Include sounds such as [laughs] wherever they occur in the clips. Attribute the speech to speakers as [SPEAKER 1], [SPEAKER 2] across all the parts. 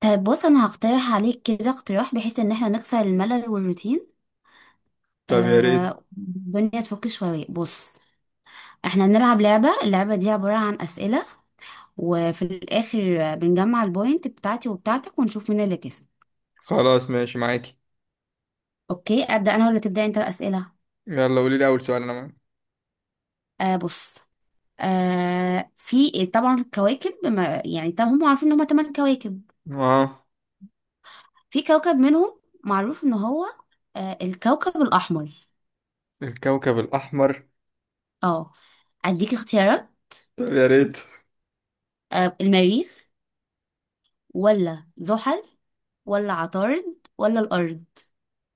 [SPEAKER 1] طيب بص انا هقترح عليك كده اقتراح بحيث ان احنا نكسر الملل والروتين.
[SPEAKER 2] طب يا ريت.
[SPEAKER 1] الدنيا تفك شوية. بص، احنا نلعب لعبة. اللعبة دي عبارة عن اسئلة، وفي الاخر بنجمع البوينت بتاعتي وبتاعتك ونشوف مين اللي كسب.
[SPEAKER 2] خلاص، ماشي معاكي.
[SPEAKER 1] اوكي، ابدأ انا ولا تبدأ انت الاسئلة؟
[SPEAKER 2] يلا قولي لي اول سؤال، انا معاك.
[SPEAKER 1] بص. في طبعا الكواكب يعني طبعا هم عارفين ان هم 8 كواكب.
[SPEAKER 2] اه
[SPEAKER 1] في كوكب منهم معروف ان هو الكوكب الاحمر.
[SPEAKER 2] الكوكب الاحمر.
[SPEAKER 1] اه، اديك اختيارات:
[SPEAKER 2] طب يا ريت.
[SPEAKER 1] المريخ، ولا زحل، ولا عطارد، ولا الأرض؟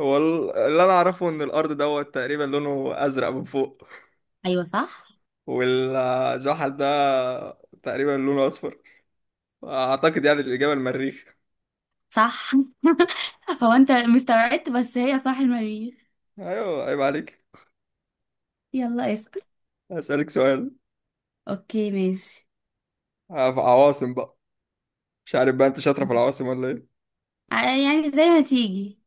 [SPEAKER 2] هو اللي انا اعرفه ان الارض دوت تقريبا لونه ازرق من فوق،
[SPEAKER 1] أيوة صح.
[SPEAKER 2] والزحل ده تقريبا لونه اصفر، اعتقد يعني الاجابه المريخ.
[SPEAKER 1] صح. [laughs] هو أنت مستوعبت، بس هي صح المريخ.
[SPEAKER 2] ايوه عيب عليك.
[SPEAKER 1] يلا اسأل.
[SPEAKER 2] هسألك سؤال
[SPEAKER 1] أوكي ماشي.
[SPEAKER 2] في عواصم بقى، مش عارف بقى انت شاطره في العواصم ولا ايه.
[SPEAKER 1] يعني زي ما تيجي.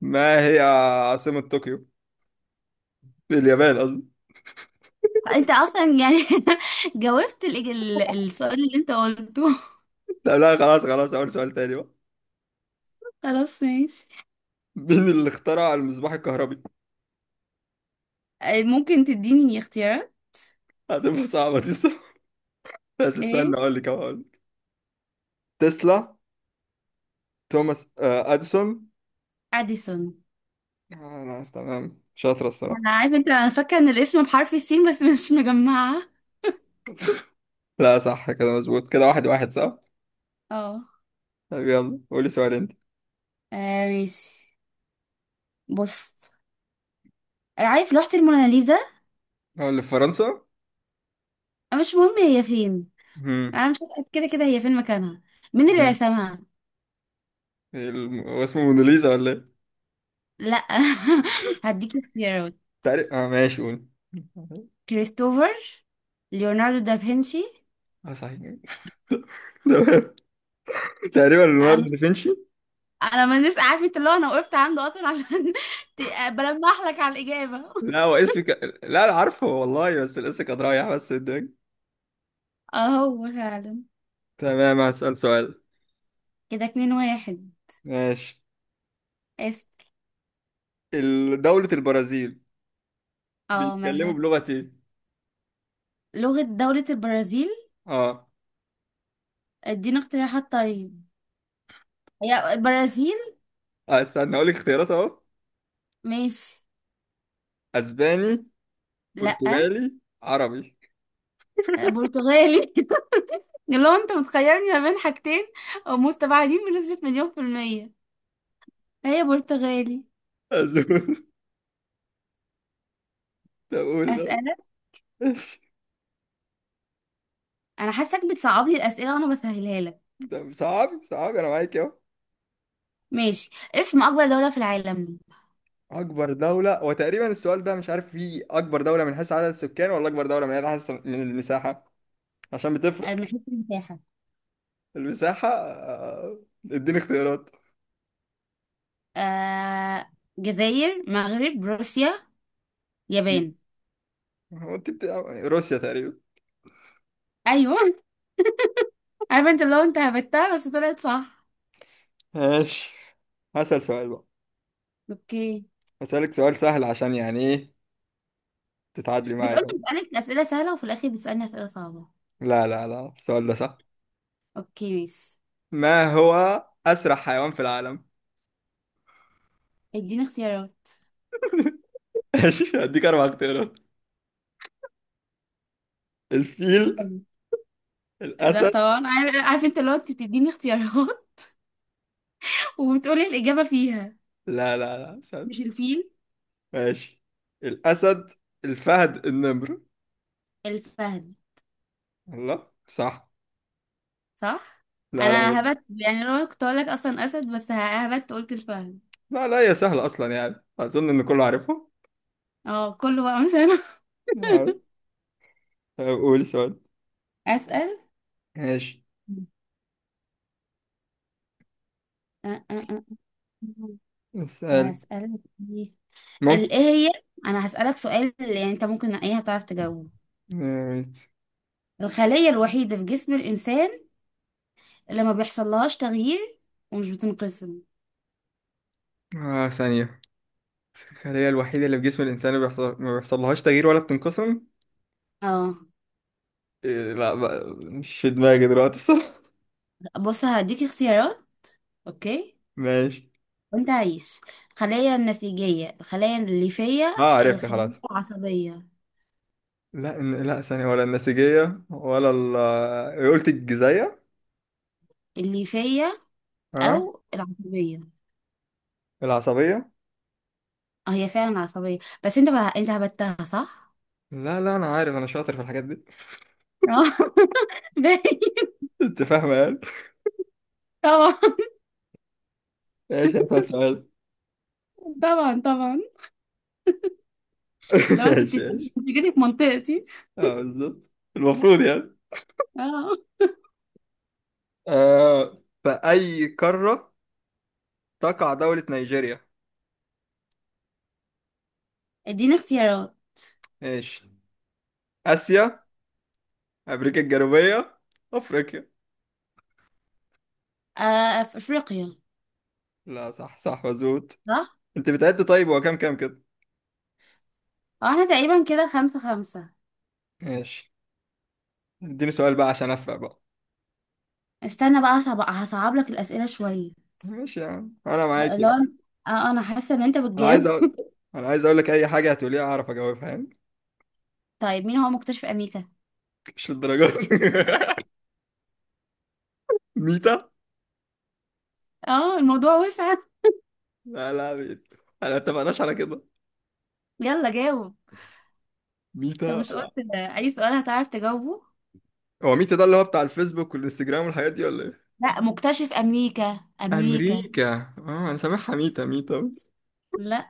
[SPEAKER 2] ما هي عاصمه طوكيو، اليابان قصدي.
[SPEAKER 1] أنت أصلا يعني [laughs] جاوبت السؤال اللي أنت قلته. [laughs]
[SPEAKER 2] لا، خلاص، اول سؤال تاني بقى.
[SPEAKER 1] خلاص ماشي.
[SPEAKER 2] مين اللي اخترع المصباح الكهربي؟
[SPEAKER 1] ممكن تديني اختيارات؟
[SPEAKER 2] هتبقى صعبة دي الصراحة، بس
[SPEAKER 1] إيه؟
[SPEAKER 2] استنى أقول لك أهو، أقول لك. تسلا، توماس أديسون.
[SPEAKER 1] أديسون.
[SPEAKER 2] آه لا، تمام، شاطرة
[SPEAKER 1] أنا
[SPEAKER 2] الصراحة.
[SPEAKER 1] عارفة أنت، أنا فاكرة إن الاسم بحرف السين بس مش مجمعة.
[SPEAKER 2] لا صح كده، مظبوط كده، واحد واحد، صح.
[SPEAKER 1] اه.
[SPEAKER 2] طب يلا قولي سؤال أنت.
[SPEAKER 1] ماشي. بص، عارف لوحة الموناليزا؟
[SPEAKER 2] هو اللي في فرنسا.
[SPEAKER 1] مش مهم هي فين،
[SPEAKER 2] مم.
[SPEAKER 1] انا مش هسأل كده كده هي فين مكانها. مين اللي
[SPEAKER 2] مم.
[SPEAKER 1] رسمها؟
[SPEAKER 2] إيه هو اسمه موناليزا ولا إيه؟
[SPEAKER 1] لا. [laughs] هديكي اختيارات:
[SPEAKER 2] تقريبا، آه ماشي قول.
[SPEAKER 1] كريستوفر، ليوناردو دافنشي.
[SPEAKER 2] آه صحيح [laughs] تمام، تقريبا
[SPEAKER 1] أم-
[SPEAKER 2] ليوناردو دافنشي.
[SPEAKER 1] انا ما الناس عارفه اللي هو انا وقفت عنده اصلا عشان [laughs] بلمح لك على الاجابه. [laughs]
[SPEAKER 2] لا هو اسمي ك... لا أنا عارفه والله، بس الاسم كان رايح بس قدامي.
[SPEAKER 1] اهو فعلا.
[SPEAKER 2] تمام هسأل سؤال.
[SPEAKER 1] كده 2-1.
[SPEAKER 2] ماشي.
[SPEAKER 1] اس
[SPEAKER 2] دولة البرازيل
[SPEAKER 1] اه،
[SPEAKER 2] بيتكلموا
[SPEAKER 1] مالها؟
[SPEAKER 2] بلغة ايه؟
[SPEAKER 1] لغة دولة البرازيل.
[SPEAKER 2] اه.
[SPEAKER 1] ادينا اقتراحات طيب، هي البرازيل.
[SPEAKER 2] آه، استنى اقول لك اختيارات اهو.
[SPEAKER 1] ماشي.
[SPEAKER 2] اسباني،
[SPEAKER 1] لا.
[SPEAKER 2] برتغالي، عربي.
[SPEAKER 1] برتغالي. [laughs] لو انت متخيرني ما بين حاجتين مستبعدين بنسبة مليون%، هي برتغالي.
[SPEAKER 2] أزول [laughs] طب قول ده.
[SPEAKER 1] أسألك.
[SPEAKER 2] ماشي.
[SPEAKER 1] أنا حاسك بتصعب لي الأسئلة وأنا بسهلها لك.
[SPEAKER 2] طب صعب صعب، انا معاك اهو.
[SPEAKER 1] ماشي. اسم أكبر دولة في العالم.
[SPEAKER 2] اكبر دولة؟ هو تقريبا السؤال ده مش عارف فيه، اكبر دولة من حيث عدد السكان ولا اكبر دولة من حيث من المساحة، عشان بتفرق.
[SPEAKER 1] من حيث المساحة.
[SPEAKER 2] المساحة، آه، اديني اختيارات.
[SPEAKER 1] آه... جزائر، مغرب، روسيا، يابان.
[SPEAKER 2] هو انت بت... روسيا تقريبا.
[SPEAKER 1] أيوة. [laughs] عارفة أنت، لو أنت هبتها بس طلعت صح.
[SPEAKER 2] ماشي، هسأل سؤال بقى.
[SPEAKER 1] أوكي.
[SPEAKER 2] هسألك سؤال سهل عشان يعني ايه، تتعادلي
[SPEAKER 1] بتقولي
[SPEAKER 2] معايا.
[SPEAKER 1] بسألك أسئلة سهلة وفي الآخر بتسألني أسئلة صعبة.
[SPEAKER 2] لا، السؤال ده سهل.
[SPEAKER 1] أوكي ماشي.
[SPEAKER 2] ما هو أسرع حيوان في العالم؟
[SPEAKER 1] اديني اختيارات.
[SPEAKER 2] [laughs] ماشي، هديك أربع اختيارات: الفيل،
[SPEAKER 1] يلا. لا
[SPEAKER 2] الأسد.
[SPEAKER 1] طبعا، عارف، عارف أنت لو أنت بتديني اختيارات وبتقولي الإجابة فيها.
[SPEAKER 2] لا أسد.
[SPEAKER 1] مش الفيل.
[SPEAKER 2] ماشي، الأسد، الفهد، النمر.
[SPEAKER 1] الفهد.
[SPEAKER 2] الله صح.
[SPEAKER 1] صح.
[SPEAKER 2] لا لا
[SPEAKER 1] أنا
[SPEAKER 2] بس.
[SPEAKER 1] هبت، يعني لو كنت أقول لك أصلا أسد، بس هبت قلت الفهد.
[SPEAKER 2] لا لا، هي سهلة أصلا يعني، أظن إن كله عارفها.
[SPEAKER 1] اه كله بقى، مش أنا.
[SPEAKER 2] عارف. طب قولي سؤال.
[SPEAKER 1] [laughs] أسأل.
[SPEAKER 2] ماشي،
[SPEAKER 1] أه أه أه.
[SPEAKER 2] اسأل.
[SPEAKER 1] هسألك. ايه؟
[SPEAKER 2] ممكن.
[SPEAKER 1] ايه هي؟ أنا هسألك سؤال يعني أنت ممكن ايه هتعرف تجاوبه.
[SPEAKER 2] يا ريت.
[SPEAKER 1] الخلية الوحيدة في جسم الإنسان اللي ما بيحصلهاش تغيير ومش بتنقسم.
[SPEAKER 2] آه ثانية، الخلية الوحيدة اللي في جسم الإنسان ما بيحصلهاش تغيير ولا بتنقسم؟
[SPEAKER 1] اه.
[SPEAKER 2] إيه، لا بقى مش في دماغي دلوقتي [laughs] الصراحة.
[SPEAKER 1] بص، هديكي اختيارات. اوكي.
[SPEAKER 2] ماشي.
[SPEAKER 1] وانت عايش: الخلايا النسيجية، الخلايا
[SPEAKER 2] اه
[SPEAKER 1] الليفية،
[SPEAKER 2] عرفت
[SPEAKER 1] الخلايا
[SPEAKER 2] خلاص.
[SPEAKER 1] العصبية.
[SPEAKER 2] لا إن... لا ثانية، ولا النسيجية، ولا ال... قلت الجزية.
[SPEAKER 1] الليفية
[SPEAKER 2] ها.
[SPEAKER 1] أو العصبية.
[SPEAKER 2] العصبية.
[SPEAKER 1] اه، هي فعلا عصبية. بس انت هبتها صح؟
[SPEAKER 2] لا، أنا عارف، أنا شاطر في الحاجات دي [laughs]
[SPEAKER 1] اه. [laughs] باين.
[SPEAKER 2] أنت فاهم يعني.
[SPEAKER 1] طبعا.
[SPEAKER 2] إيش أسهل سؤال؟
[SPEAKER 1] طبعا طبعا.
[SPEAKER 2] [laughs]
[SPEAKER 1] لو انت
[SPEAKER 2] إيش
[SPEAKER 1] بتسألي،
[SPEAKER 2] إيش.
[SPEAKER 1] انت جيتي في منطقتي.
[SPEAKER 2] اه بالظبط، المفروض يعني.
[SPEAKER 1] اه.
[SPEAKER 2] آه، في أي قارة تقع دولة نيجيريا؟
[SPEAKER 1] اديني اختيارات.
[SPEAKER 2] إيش؟ آسيا، أمريكا الجنوبية، أفريقيا.
[SPEAKER 1] في افريقيا.
[SPEAKER 2] لا صح صح مظبوط.
[SPEAKER 1] صح؟
[SPEAKER 2] أنت بتعد طيب، هو كام كام كده؟
[SPEAKER 1] اه، احنا تقريبا كده 5-5.
[SPEAKER 2] ماشي، اديني سؤال بقى عشان أفرق بقى.
[SPEAKER 1] استنى بقى، هصعب لك الأسئلة شوية.
[SPEAKER 2] ماشي يا عم، أنا معاك.
[SPEAKER 1] لو، اه انا حاسة ان انت
[SPEAKER 2] انا عايز
[SPEAKER 1] بتجاوب.
[SPEAKER 2] اقول
[SPEAKER 1] [laughs]
[SPEAKER 2] انا عايز اقول لك اي حاجه هتقوليها اعرف اجاوبها، فاهم؟
[SPEAKER 1] طيب، مين هو مكتشف امريكا؟
[SPEAKER 2] مش للدرجه دي. [laughs] ميتا.
[SPEAKER 1] اه، الموضوع وسع.
[SPEAKER 2] لا ميتا، انا اتفقناش على كده.
[SPEAKER 1] يلا جاوب. انت
[SPEAKER 2] ميتا.
[SPEAKER 1] مش
[SPEAKER 2] لا،
[SPEAKER 1] قلت اي سؤال هتعرف تجاوبه؟
[SPEAKER 2] هو ميتا ده اللي هو بتاع الفيسبوك والانستجرام والحاجات دي ولا ايه؟
[SPEAKER 1] لا، مكتشف امريكا. امريكا.
[SPEAKER 2] امريكا، اه انا سامعها ميتا ميتا.
[SPEAKER 1] لا.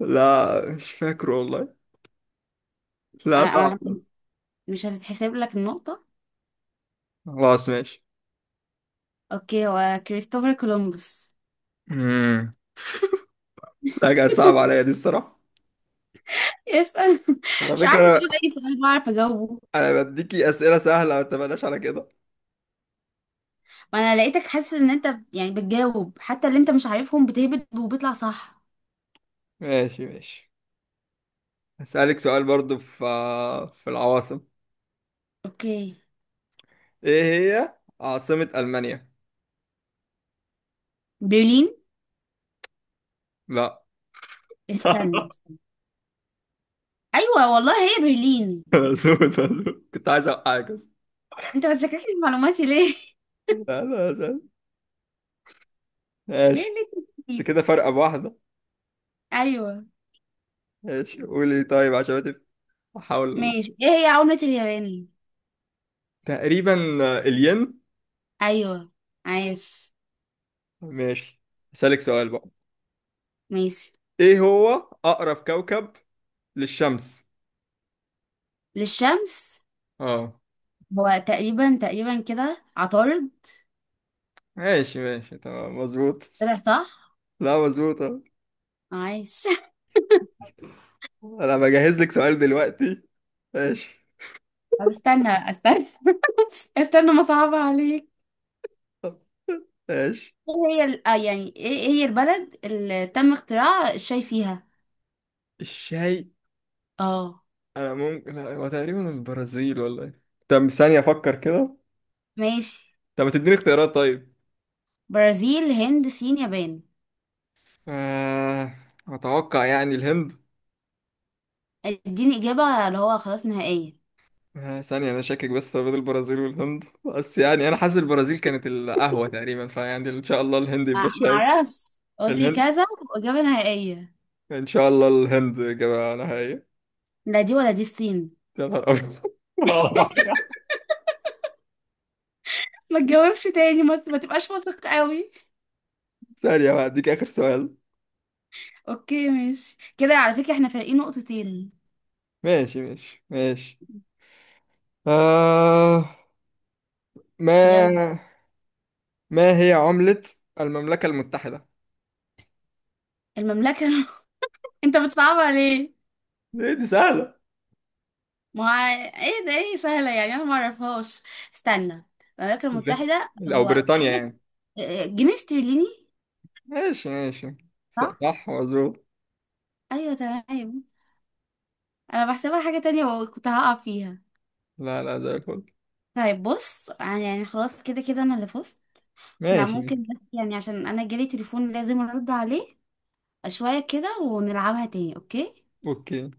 [SPEAKER 2] لا مش فاكر والله، لا صعب.
[SPEAKER 1] أنا- مش هتتحسب لك النقطة.
[SPEAKER 2] خلاص ماشي.
[SPEAKER 1] اوكي، هو كريستوفر كولومبوس.
[SPEAKER 2] امم، لا كانت صعبة عليا دي الصراحة.
[SPEAKER 1] اسأل. [laughs]
[SPEAKER 2] على
[SPEAKER 1] مش قاعدة
[SPEAKER 2] فكرة،
[SPEAKER 1] تقول اي سؤال بعرف اجاوبه؟
[SPEAKER 2] أنا بديكي أسئلة سهلة، ما اتفقناش على كده.
[SPEAKER 1] ما انا لقيتك حاسس ان انت يعني بتجاوب حتى اللي انت مش عارفهم، بتهبد وبيطلع صح.
[SPEAKER 2] ماشي، هسألك سؤال برضو في العواصم.
[SPEAKER 1] اوكي.
[SPEAKER 2] ايه هي عاصمة ألمانيا؟
[SPEAKER 1] برلين.
[SPEAKER 2] لا صح
[SPEAKER 1] استنى.
[SPEAKER 2] [laughs]
[SPEAKER 1] ايوه والله هي برلين.
[SPEAKER 2] مظبوط مظبوط، كنت عايز اوقعك بس.
[SPEAKER 1] انت بتشككني في معلوماتي ليه؟
[SPEAKER 2] لا،
[SPEAKER 1] [laughs] ليه؟
[SPEAKER 2] ماشي. انت
[SPEAKER 1] ليه؟
[SPEAKER 2] كده فرقة بواحدة.
[SPEAKER 1] ايوه.
[SPEAKER 2] ماشي، قولي طيب عشان احاول.
[SPEAKER 1] ماشي، ايه هي عملة اليابان؟
[SPEAKER 2] تقريبا، آه، الين.
[SPEAKER 1] ايوه. عايش.
[SPEAKER 2] ماشي، اسألك سؤال بقى.
[SPEAKER 1] ماشي.
[SPEAKER 2] ايه هو اقرب كوكب للشمس؟
[SPEAKER 1] للشمس.
[SPEAKER 2] اه.
[SPEAKER 1] هو تقريبا، كده عطارد.
[SPEAKER 2] ماشي ماشي تمام مظبوط.
[SPEAKER 1] طلع صح.
[SPEAKER 2] لا مظبوط أهو.
[SPEAKER 1] عايش. [laughs]
[SPEAKER 2] انا بجهز لك سؤال دلوقتي. ماشي.
[SPEAKER 1] طب، استنى. [laughs] استنى، ما صعب عليك.
[SPEAKER 2] [laughs] ماشي.
[SPEAKER 1] ايه هي يعني ايه، هي البلد اللي تم اختراع الشاي فيها؟
[SPEAKER 2] الشيء.
[SPEAKER 1] اه.
[SPEAKER 2] انا ممكن، هو تقريبا البرازيل ولا ايه؟ طب ثانية افكر كده.
[SPEAKER 1] ماشي.
[SPEAKER 2] طب ما تديني اختيارات طيب.
[SPEAKER 1] برازيل، هند، صين، يابان.
[SPEAKER 2] آه... اتوقع يعني الهند.
[SPEAKER 1] اديني اجابة اللي هو خلاص نهائية.
[SPEAKER 2] آه ثانية، انا شاكك بس ما بين البرازيل والهند، بس يعني انا حاسس البرازيل كانت القهوة تقريبا، فيعني ان شاء الله الهند
[SPEAKER 1] ما
[SPEAKER 2] يبقى شاي.
[SPEAKER 1] معرفش. قولي
[SPEAKER 2] الهند.
[SPEAKER 1] كذا، واجابة نهائية.
[SPEAKER 2] ان شاء الله الهند اجابة نهائية.
[SPEAKER 1] لا دي، ولا دي الصين.
[SPEAKER 2] يا نهار أبيض. [laughs] والله.
[SPEAKER 1] ما تجاوبش تاني، ما تبقاش واثق قوي.
[SPEAKER 2] ثانية بقى، اديك اخر سؤال.
[SPEAKER 1] اوكي ماشي. كده على فكرة احنا فارقين نقطتين.
[SPEAKER 2] ماشي. آه...
[SPEAKER 1] يلا.
[SPEAKER 2] ما. ما هي عملة المملكة المتحدة؟
[SPEAKER 1] المملكة. [laughs] انت بتصعبها ليه؟
[SPEAKER 2] ايه دي سهلة.
[SPEAKER 1] ما هو ايه ده، ايه سهلة يعني، انا ما اعرفهاش. استنى. المملكة
[SPEAKER 2] ب-
[SPEAKER 1] المتحدة
[SPEAKER 2] او
[SPEAKER 1] هو
[SPEAKER 2] بريطانيا
[SPEAKER 1] حاجة.
[SPEAKER 2] يعني.
[SPEAKER 1] جنيه استرليني.
[SPEAKER 2] ماشي،
[SPEAKER 1] صح.
[SPEAKER 2] صح مظبوط.
[SPEAKER 1] ايوه تمام. انا بحسبها حاجة تانية وكنت هقع فيها.
[SPEAKER 2] لا لا، زي الفل.
[SPEAKER 1] طيب بص، يعني خلاص كده كده انا اللي فزت. احنا
[SPEAKER 2] ماشي.
[SPEAKER 1] ممكن بس يعني عشان انا جالي تليفون لازم ارد عليه شوية كده، ونلعبها تاني، اوكي؟
[SPEAKER 2] اوكي.